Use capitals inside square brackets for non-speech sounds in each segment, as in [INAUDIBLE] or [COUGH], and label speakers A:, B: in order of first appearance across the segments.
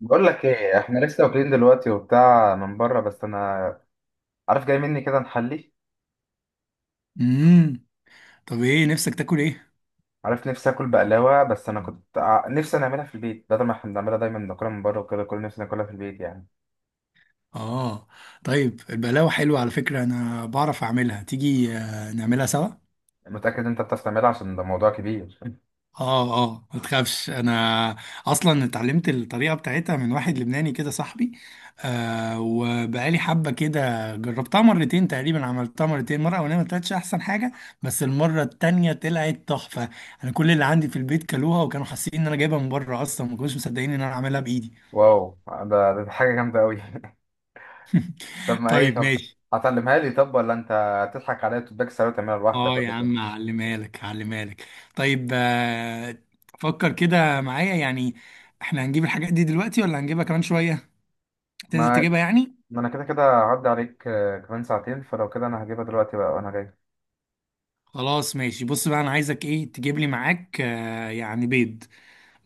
A: بقول لك ايه؟ احنا لسه واكلين دلوقتي وبتاع من بره، بس انا عارف جاي مني كده نحلي.
B: امم طب ايه نفسك تاكل ايه؟
A: عارف نفسي اكل بقلاوه، بس انا كنت نفسي نعملها في البيت، بدل ما احنا بنعملها دايما ناكلها من بره وكده. كل نفسي ناكلها في البيت يعني.
B: اه. طيب البقلاوه حلوه على فكره، انا بعرف اعملها، تيجي نعملها سوا.
A: متاكد انت بتعرف تعملها؟ عشان ده موضوع كبير. [LAUGHS]
B: اه اه، ما تخافش، انا اصلا اتعلمت الطريقه بتاعتها من واحد لبناني كده صاحبي. وبقالي حبه كده جربتها مرتين، تقريبا عملتها مرتين، مره اولانيه ما طلعتش احسن حاجه، بس المره التانية طلعت تحفه. انا كل اللي عندي في البيت كلوها، وكانوا حاسين ان انا جايبها من بره، اصلا ما كانوش مصدقين ان انا عاملها بايدي.
A: واو، ده حاجه جامده قوي. [LAUGHS] طب
B: [LAUGHS]
A: ما ايه؟
B: طيب
A: طب
B: ماشي.
A: هتعلمها لي؟ طب ولا انت هتضحك عليا وتباك ساعه وتعملها لوحدك
B: اه يا
A: ولا
B: عم،
A: إيه؟
B: هعلمها لك هعلمها لك. طيب، فكر كده معايا يعني، احنا هنجيب الحاجات دي دلوقتي ولا هنجيبها كمان شوية؟ تنزل
A: ما
B: تجيبها يعني.
A: ما انا كده كده هعدي عليك كمان ساعتين. فلو كده انا هجيبها دلوقتي بقى وانا جاي.
B: خلاص ماشي، بص بقى، انا عايزك ايه تجيب لي معاك يعني بيض.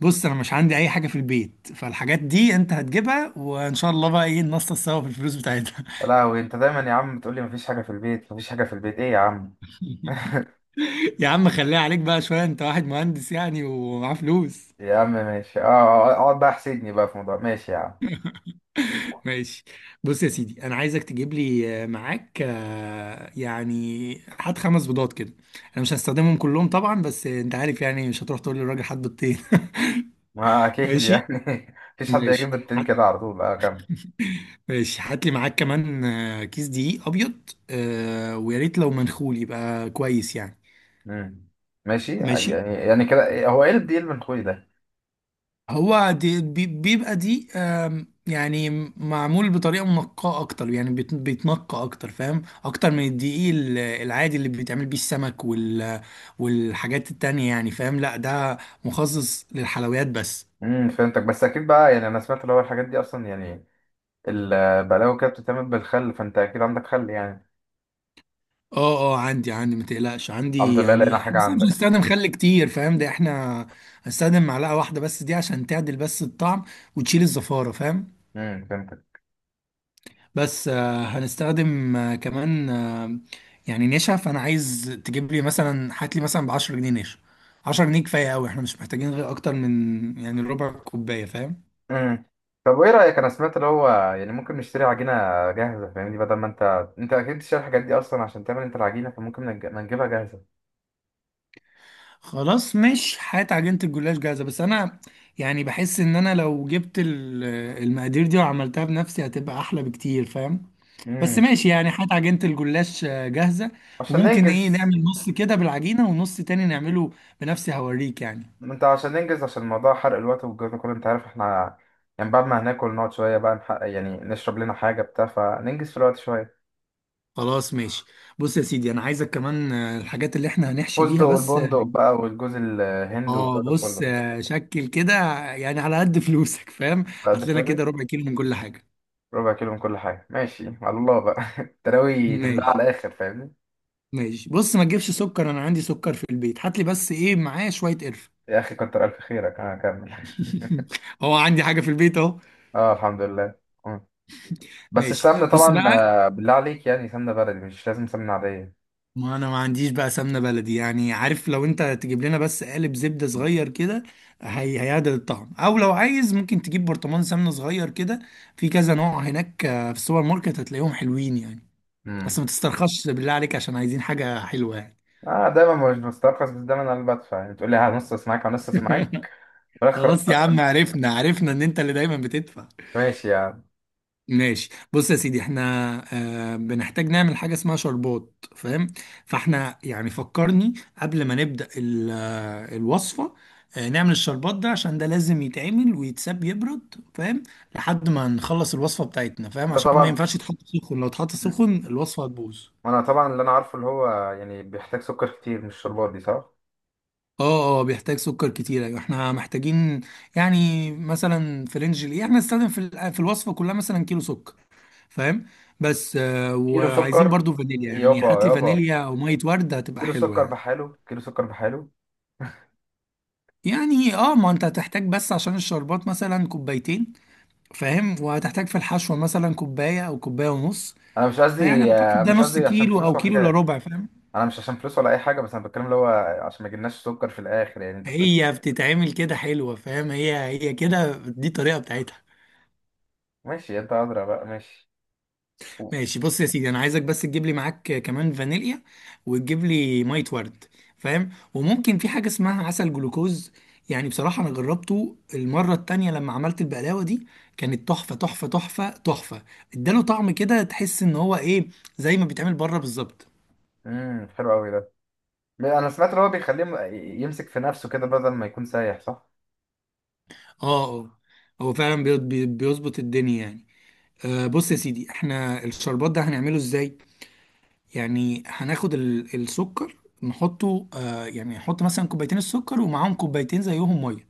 B: بص انا مش عندي اي حاجة في البيت، فالحاجات دي انت هتجيبها، وان شاء الله بقى ايه ننصص سوا في الفلوس بتاعتها. [LAUGHS]
A: لا، وانت دايما يا عم تقول لي مفيش حاجه في البيت، مفيش حاجه في البيت، ايه يا عم؟ [LAUGHS]
B: يا عم، خليها عليك بقى شوية، انت واحد مهندس يعني ومعاه فلوس.
A: يا عم ماشي، اه، اقعد بقى احسدني بقى في موضوع، ماشي يا عم.
B: ماشي، بص يا سيدي، انا عايزك تجيب لي معاك يعني، هات خمس بيضات كده. انا مش هستخدمهم كلهم طبعا بس انت عارف، يعني مش هتروح تقول للراجل هات بيضتين. [LAUGHS]
A: ما اكيد
B: ماشي
A: يعني. [LAUGHS] مفيش حد
B: ماشي.
A: يجيب التين
B: هات.
A: كده على طول، اه كمل.
B: ماشي، هات لي معاك كمان كيس دقيق ابيض، ويا ريت لو منخول يبقى كويس يعني.
A: مم. ماشي يعني.
B: ماشي.
A: يعني كده هو ايه الديل من اخوي ده؟
B: هو دي بيبقى دي، يعني معمول بطريقة منقاة أكتر، يعني بيتنقى أكتر، فاهم، أكتر من الدقيق العادي اللي بيتعمل بيه السمك والحاجات التانية، يعني فاهم، لا ده مخصص للحلويات بس.
A: فهمتك. بس اكيد بقى يعني انا سمعت اللي هو الحاجات دي اصلا، يعني البلاوي كده بتتعمل بالخل، فانت اكيد عندك خل يعني.
B: اه اه، عندي عندي، ما تقلقش
A: الحمد
B: عندي،
A: لله لقينا
B: يعني احنا
A: حاجه
B: بس مش
A: عندك.
B: هنستخدم خل كتير، فاهم ده، احنا هنستخدم معلقة واحدة بس دي عشان تعدل بس الطعم وتشيل الزفارة فاهم.
A: فهمت.
B: بس هنستخدم كمان يعني نشا، فانا عايز تجيب لي مثلا، هات لي مثلا ب 10 جنيه نشا. 10 جنيه كفايه قوي، احنا مش محتاجين غير اكتر من يعني ربع كوبايه فاهم.
A: امم طب وايه رايك؟ انا سمعت اللي هو، يعني ممكن نشتري عجينه جاهزه فاهمني، بدل ما انت، انت اكيد بتشتري الحاجات دي اصلا عشان تعمل انت العجينه، فممكن ما نجيبها جاهزه.
B: خلاص مش هات عجينه الجلاش جاهزه، بس انا يعني بحس ان انا لو جبت المقادير دي وعملتها بنفسي هتبقى احلى بكتير فاهم. بس
A: امم
B: ماشي يعني، هات عجينه الجلاش جاهزه،
A: عشان
B: وممكن ايه
A: ننجز.
B: نعمل نص كده بالعجينه ونص تاني نعمله بنفسي، هوريك يعني.
A: انت عشان ننجز، عشان موضوع حرق الوقت والجو ده كله، انت عارف احنا يعني بعد ما هناكل نقعد شويه بقى نحقق، يعني نشرب لنا حاجه بتاع فننجز في الوقت شويه.
B: خلاص ماشي، بص يا سيدي، انا عايزك كمان الحاجات اللي احنا هنحشي
A: فستق
B: بيها بس اه،
A: والبندق بقى والجوز الهند والجو ده
B: بص
A: كله.
B: شكل كده، يعني على قد فلوسك فاهم.
A: فقد
B: هات لنا كده
A: فلوسي.
B: ربع كيلو من كل حاجه.
A: ربع كيلو من كل حاجه، ماشي على الله بقى. [LAUGHS] تراوي تملاها
B: ماشي
A: على الاخر فاهمني.
B: ماشي. بص ما تجيبش سكر، انا عندي سكر في البيت، هات لي بس ايه معايا شويه قرفه.
A: يا اخي كتر الف خيرك، انا كمل.
B: [LAUGHS] هو عندي حاجه في البيت اهو.
A: اه الحمد لله. مم. بس
B: ماشي،
A: السمنة
B: بص
A: طبعا
B: بقى،
A: بالله عليك، يعني سمنة بلدي، مش لازم سمنة عادية.
B: ما انا ما عنديش بقى سمنه بلدي يعني، عارف، لو انت تجيب لنا بس قالب زبده صغير كده هي هيعدل الطعم، او لو عايز ممكن تجيب برطمان سمنه صغير كده، في كذا نوع هناك في السوبر ماركت هتلاقيهم حلوين يعني. بس ما
A: امم.
B: تسترخصش بالله عليك عشان عايزين حاجه حلوه يعني.
A: اه، دايما مش بسترخص، بس دايما انا اللي بدفع، يعني تقول لي هنص معاك هنص معاك، في الاخر
B: خلاص يا
A: خلاص بقى.
B: عم، عرفنا عرفنا ان انت اللي دايما بتدفع.
A: ماشي يعني.
B: ماشي، بص يا سيدي، احنا بنحتاج نعمل حاجة اسمها شربات فاهم. فاحنا يعني فكرني قبل ما نبدأ الوصفة، نعمل الشربات ده عشان ده لازم يتعمل ويتساب يبرد فاهم، لحد ما نخلص الوصفة بتاعتنا، فاهم،
A: ده
B: عشان ما
A: طبعا.
B: ينفعش يتحط سخن، لو اتحط
A: مم.
B: سخن الوصفة هتبوظ.
A: انا طبعا اللي انا عارفه اللي هو يعني بيحتاج سكر كتير، مش الشربات دي؟ صح.
B: اه اه، بيحتاج سكر كتير، ايوه احنا محتاجين. يعني مثلا في رينج ايه احنا نستخدم في في الوصفة كلها مثلا كيلو سكر فاهم. بس
A: كيلو
B: وعايزين
A: سكر؟
B: برضو فانيليا، يعني
A: يابا
B: هات لي
A: يابا.
B: فانيليا او ميه ورد هتبقى
A: كيلو
B: حلوه
A: سكر
B: يعني.
A: بحاله؟ كيلو سكر بحاله؟
B: يعني اه، ما انت هتحتاج بس عشان الشربات مثلا كوبايتين فاهم، وهتحتاج في الحشوه مثلا كوبايه او كوبايه ونص،
A: انا مش
B: فيعني
A: قصدي
B: اعتقد ده
A: مش
B: نص
A: قصدي عشان
B: كيلو
A: فلوس
B: او
A: ولا
B: كيلو الا
A: حاجة.
B: ربع فاهم.
A: انا مش عشان فلوس ولا اي حاجة، بس انا بتكلم اللي هو عشان ما يجيلناش سكر في الاخر، يعني انت بتقول.
B: هي بتتعمل كده حلوه فاهم، هي كده، دي الطريقه بتاعتها.
A: ماشي، يد عذرا بقى، ماشي.
B: ماشي، بص يا سيدي، انا عايزك بس تجيب لي معاك كمان فانيليا وتجيب لي ميه ورد فاهم، وممكن في حاجه اسمها عسل جلوكوز. يعني بصراحه انا جربته المره التانية لما عملت البقلاوه دي، كانت تحفه تحفه تحفه تحفه، اداله طعم كده تحس ان هو ايه، زي ما بيتعمل بره بالظبط.
A: حلو قوي ده. لا، انا سمعت ان هو بيخليه يمسك في نفسه كده بدل ما يكون سايح، صح.
B: اه اه، هو فعلا بيظبط الدنيا يعني. بص يا سيدي، احنا الشربات ده هنعمله ازاي، يعني هناخد السكر، نحطه يعني نحط مثلا كوبايتين السكر ومعاهم كوبايتين زيهم ميه،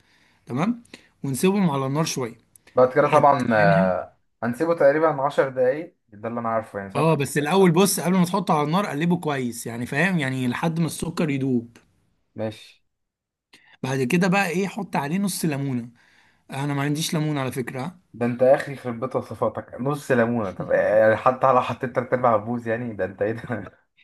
B: تمام، ونسيبهم على النار شويه.
A: بعد كده
B: هت
A: طبعا
B: يعني هت
A: هنسيبه تقريبا 10 دقايق، ده اللي انا عارفه يعني،
B: اه،
A: صح.
B: بس الاول بص قبل ما تحطه على النار، قلبه كويس يعني فاهم، يعني لحد ما السكر يدوب.
A: ماشي.
B: بعد كده بقى ايه حط عليه نص ليمونه. انا ما عنديش ليمون على فكره.
A: ده انت يا اخي يخرب بيت وصفاتك، نص ليمونه؟ طب يعني حتى لو حطيت تلات ارباع بوز يعني، ده انت ايه ده؟ [LAUGHS]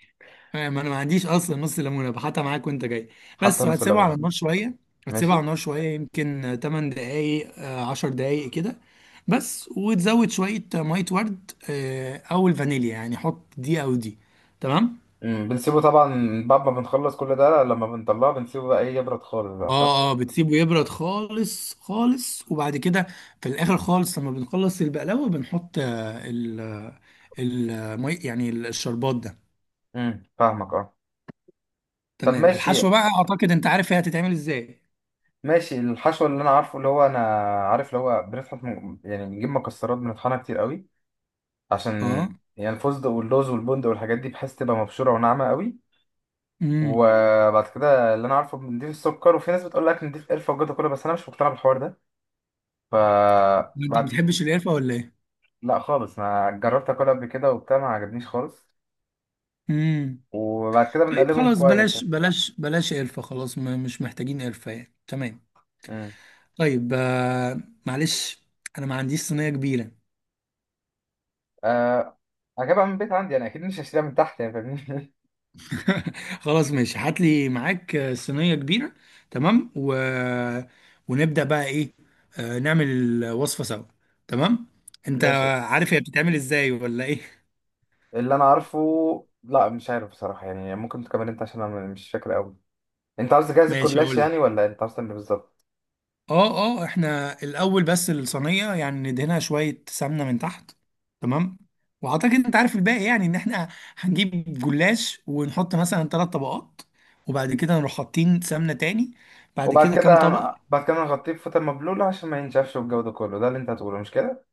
B: فاهم، انا ما عنديش اصلا نص ليمونه، بحطها معاك وانت جاي.
A: حتى
B: بس
A: نص
B: وهتسيبه
A: ليمونه،
B: على النار
A: ماشي.
B: شويه. هتسيبه على
A: ماشي.
B: النار شويه يمكن 8 دقائق 10 دقائق كده، بس، وتزود شويه ميه ورد او الفانيليا، يعني حط دي او دي، تمام.
A: بنسيبه طبعا بعد ما بنخلص كل ده، لما بنطلعه بنسيبه بقى ايه يبرد خالص بقى، صح.
B: اه اه، بتسيبه يبرد خالص خالص، وبعد كده في الاخر خالص لما بنخلص البقلاوه بنحط يعني الشربات ده.
A: فاهمك اه. طب
B: تمام،
A: ماشي.
B: الحشوه بقى اعتقد انت عارف هي هتتعمل ازاي.
A: ماشي، الحشو اللي انا عارفه اللي هو، انا عارف اللي هو بنطحن، يعني بنجيب مكسرات بنطحنها كتير قوي، عشان يعني الفستق واللوز والبندق والحاجات دي، بحيث تبقى مبشوره وناعمه قوي.
B: اه،
A: وبعد كده اللي انا عارفه بنضيف السكر، وفي ناس بتقول لك نضيف قرفه وجوده كله، بس انا مش مقتنع بالحوار ده. ف
B: انت ما
A: بعد
B: بتحبش القرفه ولا ايه؟
A: لا خالص، ما جربت اكلها قبل كده وبتاع، ما عجبنيش خالص.
B: امم
A: وبعد كده
B: طيب
A: بنقلبهم
B: خلاص،
A: كويس.
B: بلاش بلاش بلاش قرفه، خلاص مش محتاجين قرفه يعني تمام.
A: امم
B: طيب، معلش انا ما عنديش صينيه كبيره.
A: أه... هجيبها من البيت عندي، انا اكيد مش هشتريها من تحت يعني فاهمني.
B: [LAUGHS] خلاص ماشي، هات لي معاك صينيه كبيره، تمام، ونبدا بقى ايه، نعمل الوصفه سوا، تمام.
A: [LAUGHS]
B: انت
A: ماشي.
B: عارف هي بتتعمل ازاي ولا ايه؟ [LAUGHS]
A: اللي انا عارفه، لا مش عارف بصراحه يعني، ممكن تكمل انت عشان انا مش فاكر قوي. انت عاوز تجهز
B: ماشي
A: الكلاش
B: اقول لك.
A: يعني، ولا انت عاوز تعمل إيه بالظبط؟
B: اه اه، احنا الاول بس الصينيه يعني ندهنها شويه سمنه من تحت، تمام، واعتقد انت عارف الباقي، يعني ان احنا هنجيب جلاش ونحط مثلا ثلاث طبقات، وبعد كده نروح حاطين سمنه تاني، بعد
A: وبعد
B: كده كام
A: كده
B: طبقه.
A: بعد كده نغطيه بفوطه مبلوله عشان ما ينشفش، والجو ده كله، ده اللي انت هتقوله، مش كده؟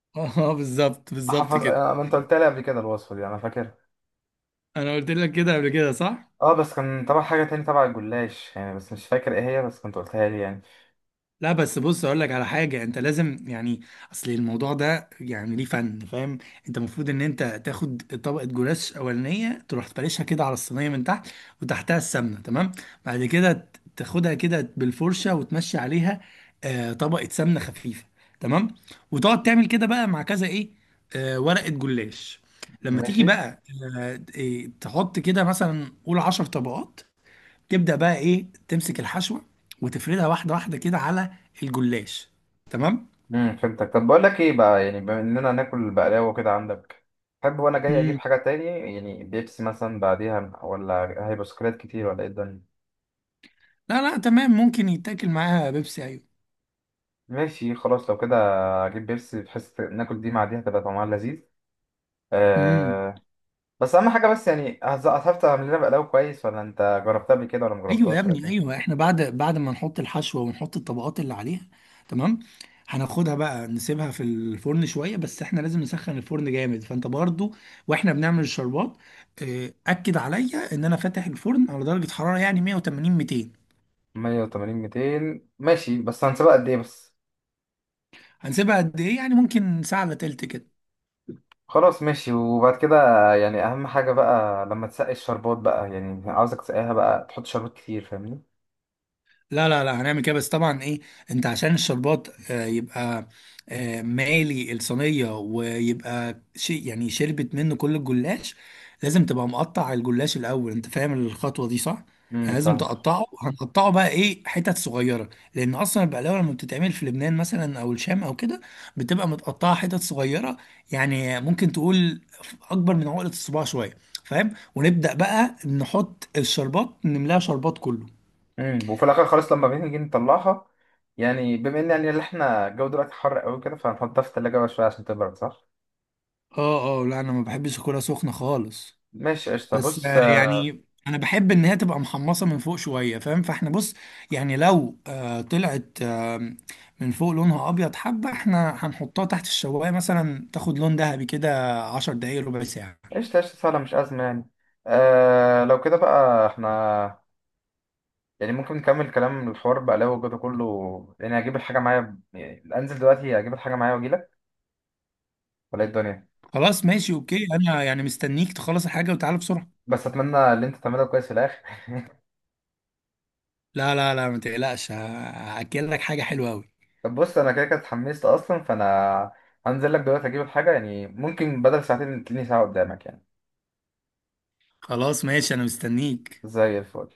B: [LAUGHS] اه بالظبط
A: انت
B: بالظبط
A: حافظ،
B: كده.
A: ما انت قلت لي قبل كده الوصفه دي، انا فاكر.
B: انا قلت لك كده قبل كده صح.
A: اه، بس كان طبعا حاجه تاني تبع الجلاش يعني، بس مش فاكر ايه هي، بس كنت قلتها لي يعني.
B: لا بس بص اقول لك على حاجه، انت لازم يعني، اصل الموضوع ده يعني ليه فن فاهم. انت المفروض ان انت تاخد طبقه جلاش اولانيه، تروح تفرشها كده على الصينيه من تحت وتحتها السمنه، تمام، بعد كده تاخدها كده بالفرشه وتمشي عليها، طبقه سمنه خفيفه، تمام، وتقعد تعمل كده بقى مع كذا ايه، ورقه جلاش. لما تيجي
A: ماشي.
B: بقى، آه إيه، تحط كده مثلا قول 10 طبقات، تبدأ بقى ايه تمسك الحشوة وتفردها واحدة واحدة كده على الجلاش، تمام.
A: فهمتك. طب بقول لك ايه بقى، يعني بما اننا ناكل بقلاوه كده عندك، تحب وانا جاي اجيب
B: امم
A: حاجه تاني؟ يعني بيبسي مثلا بعديها، ولا هيبقى سكريات كتير، ولا ايه الدنيا؟
B: لا لا، تمام، ممكن يتاكل معاها بيبسي، ايوه.
A: ماشي خلاص لو كده، اجيب بيبسي بحيث ناكل دي مع دي، هتبقى طعمها لذيذ.
B: امم
A: أه. بس اهم حاجه بس يعني، هتعرف تعمل لنا بقلاوه كويس، ولا انت جربتها قبل كده ولا
B: ايوه يا
A: مجربتهاش، ولا
B: ابني،
A: ايه؟
B: ايوه احنا بعد ما نحط الحشوة ونحط الطبقات اللي عليها، تمام، هناخدها بقى نسيبها في الفرن شوية، بس احنا لازم نسخن الفرن جامد، فانت برضو واحنا بنعمل الشربات، اكد عليا ان انا فاتح الفرن على درجة حرارة يعني 180 200.
A: 180 200 ماشي، بس هنسيبها قد ايه بس؟
B: هنسيبها قد ايه؟ يعني ممكن ساعة الا تلت كده.
A: خلاص ماشي. وبعد كده يعني اهم حاجه بقى لما تسقي الشربات بقى، يعني عاوزك تسقيها بقى تحط شربات كتير فاهمني.
B: لا لا لا، هنعمل كده بس طبعا ايه، انت عشان الشربات يبقى مالي الصينية ويبقى شيء يعني شربت منه كل الجلاش. لازم تبقى مقطع الجلاش الأول، انت فاهم الخطوة دي صح؟ يعني لازم
A: فاهم.
B: تقطعه، هنقطعه بقى ايه حتت صغيرة، لأن أصلا البقلاوة لما بتتعمل في لبنان مثلا أو الشام أو كده بتبقى متقطعة حتت صغيرة، يعني ممكن تقول أكبر من عقلة الصباع شوية فاهم؟ ونبدأ بقى نحط الشربات، نملاها شربات كله.
A: وفي الاخر خلاص لما بنيجي نطلعها، يعني بما ان يعني اللي احنا الجو دلوقتي حر قوي كده، فهنحطها في التلاجة بقى شويه عشان تبرد، صح.
B: اه اه، لا انا ما بحبش اكلها سخنه خالص.
A: ماشي قشطة،
B: بس
A: بص
B: يعني انا بحب ان هي تبقى محمصه من فوق شويه فاهم، فاحنا بص، يعني لو طلعت من فوق لونها ابيض حبه، احنا هنحطها تحت الشوايه مثلا تاخد لون ذهبي كده 10 دقايق، ربع ساعه.
A: قشطة قشطة، سهلة مش أزمة يعني. لو كده بقى احنا يعني ممكن نكمل كلام الحوار بقى لو وجوده كله، يعني أجيب الحاجة معايا، يعني أنزل دلوقتي أجيب الحاجة معايا وأجيلك، ولا إيه الدنيا؟
B: خلاص ماشي اوكي، انا يعني مستنيك تخلص الحاجه وتعالى بسرعه.
A: بس أتمنى اللي أنت تعمله كويس في الآخر.
B: لا لا لا، ما تقلقش، هاكل لك حاجه حلوه قوي.
A: [LAUGHS] طب بص، أنا كده كده اتحمست أصلا، فأنا هنزل لك دلوقتي أجيب الحاجة، يعني ممكن بدل ساعتين تلاقيني ساعة قدامك يعني.
B: خلاص ماشي، انا مستنيك
A: زي الفل.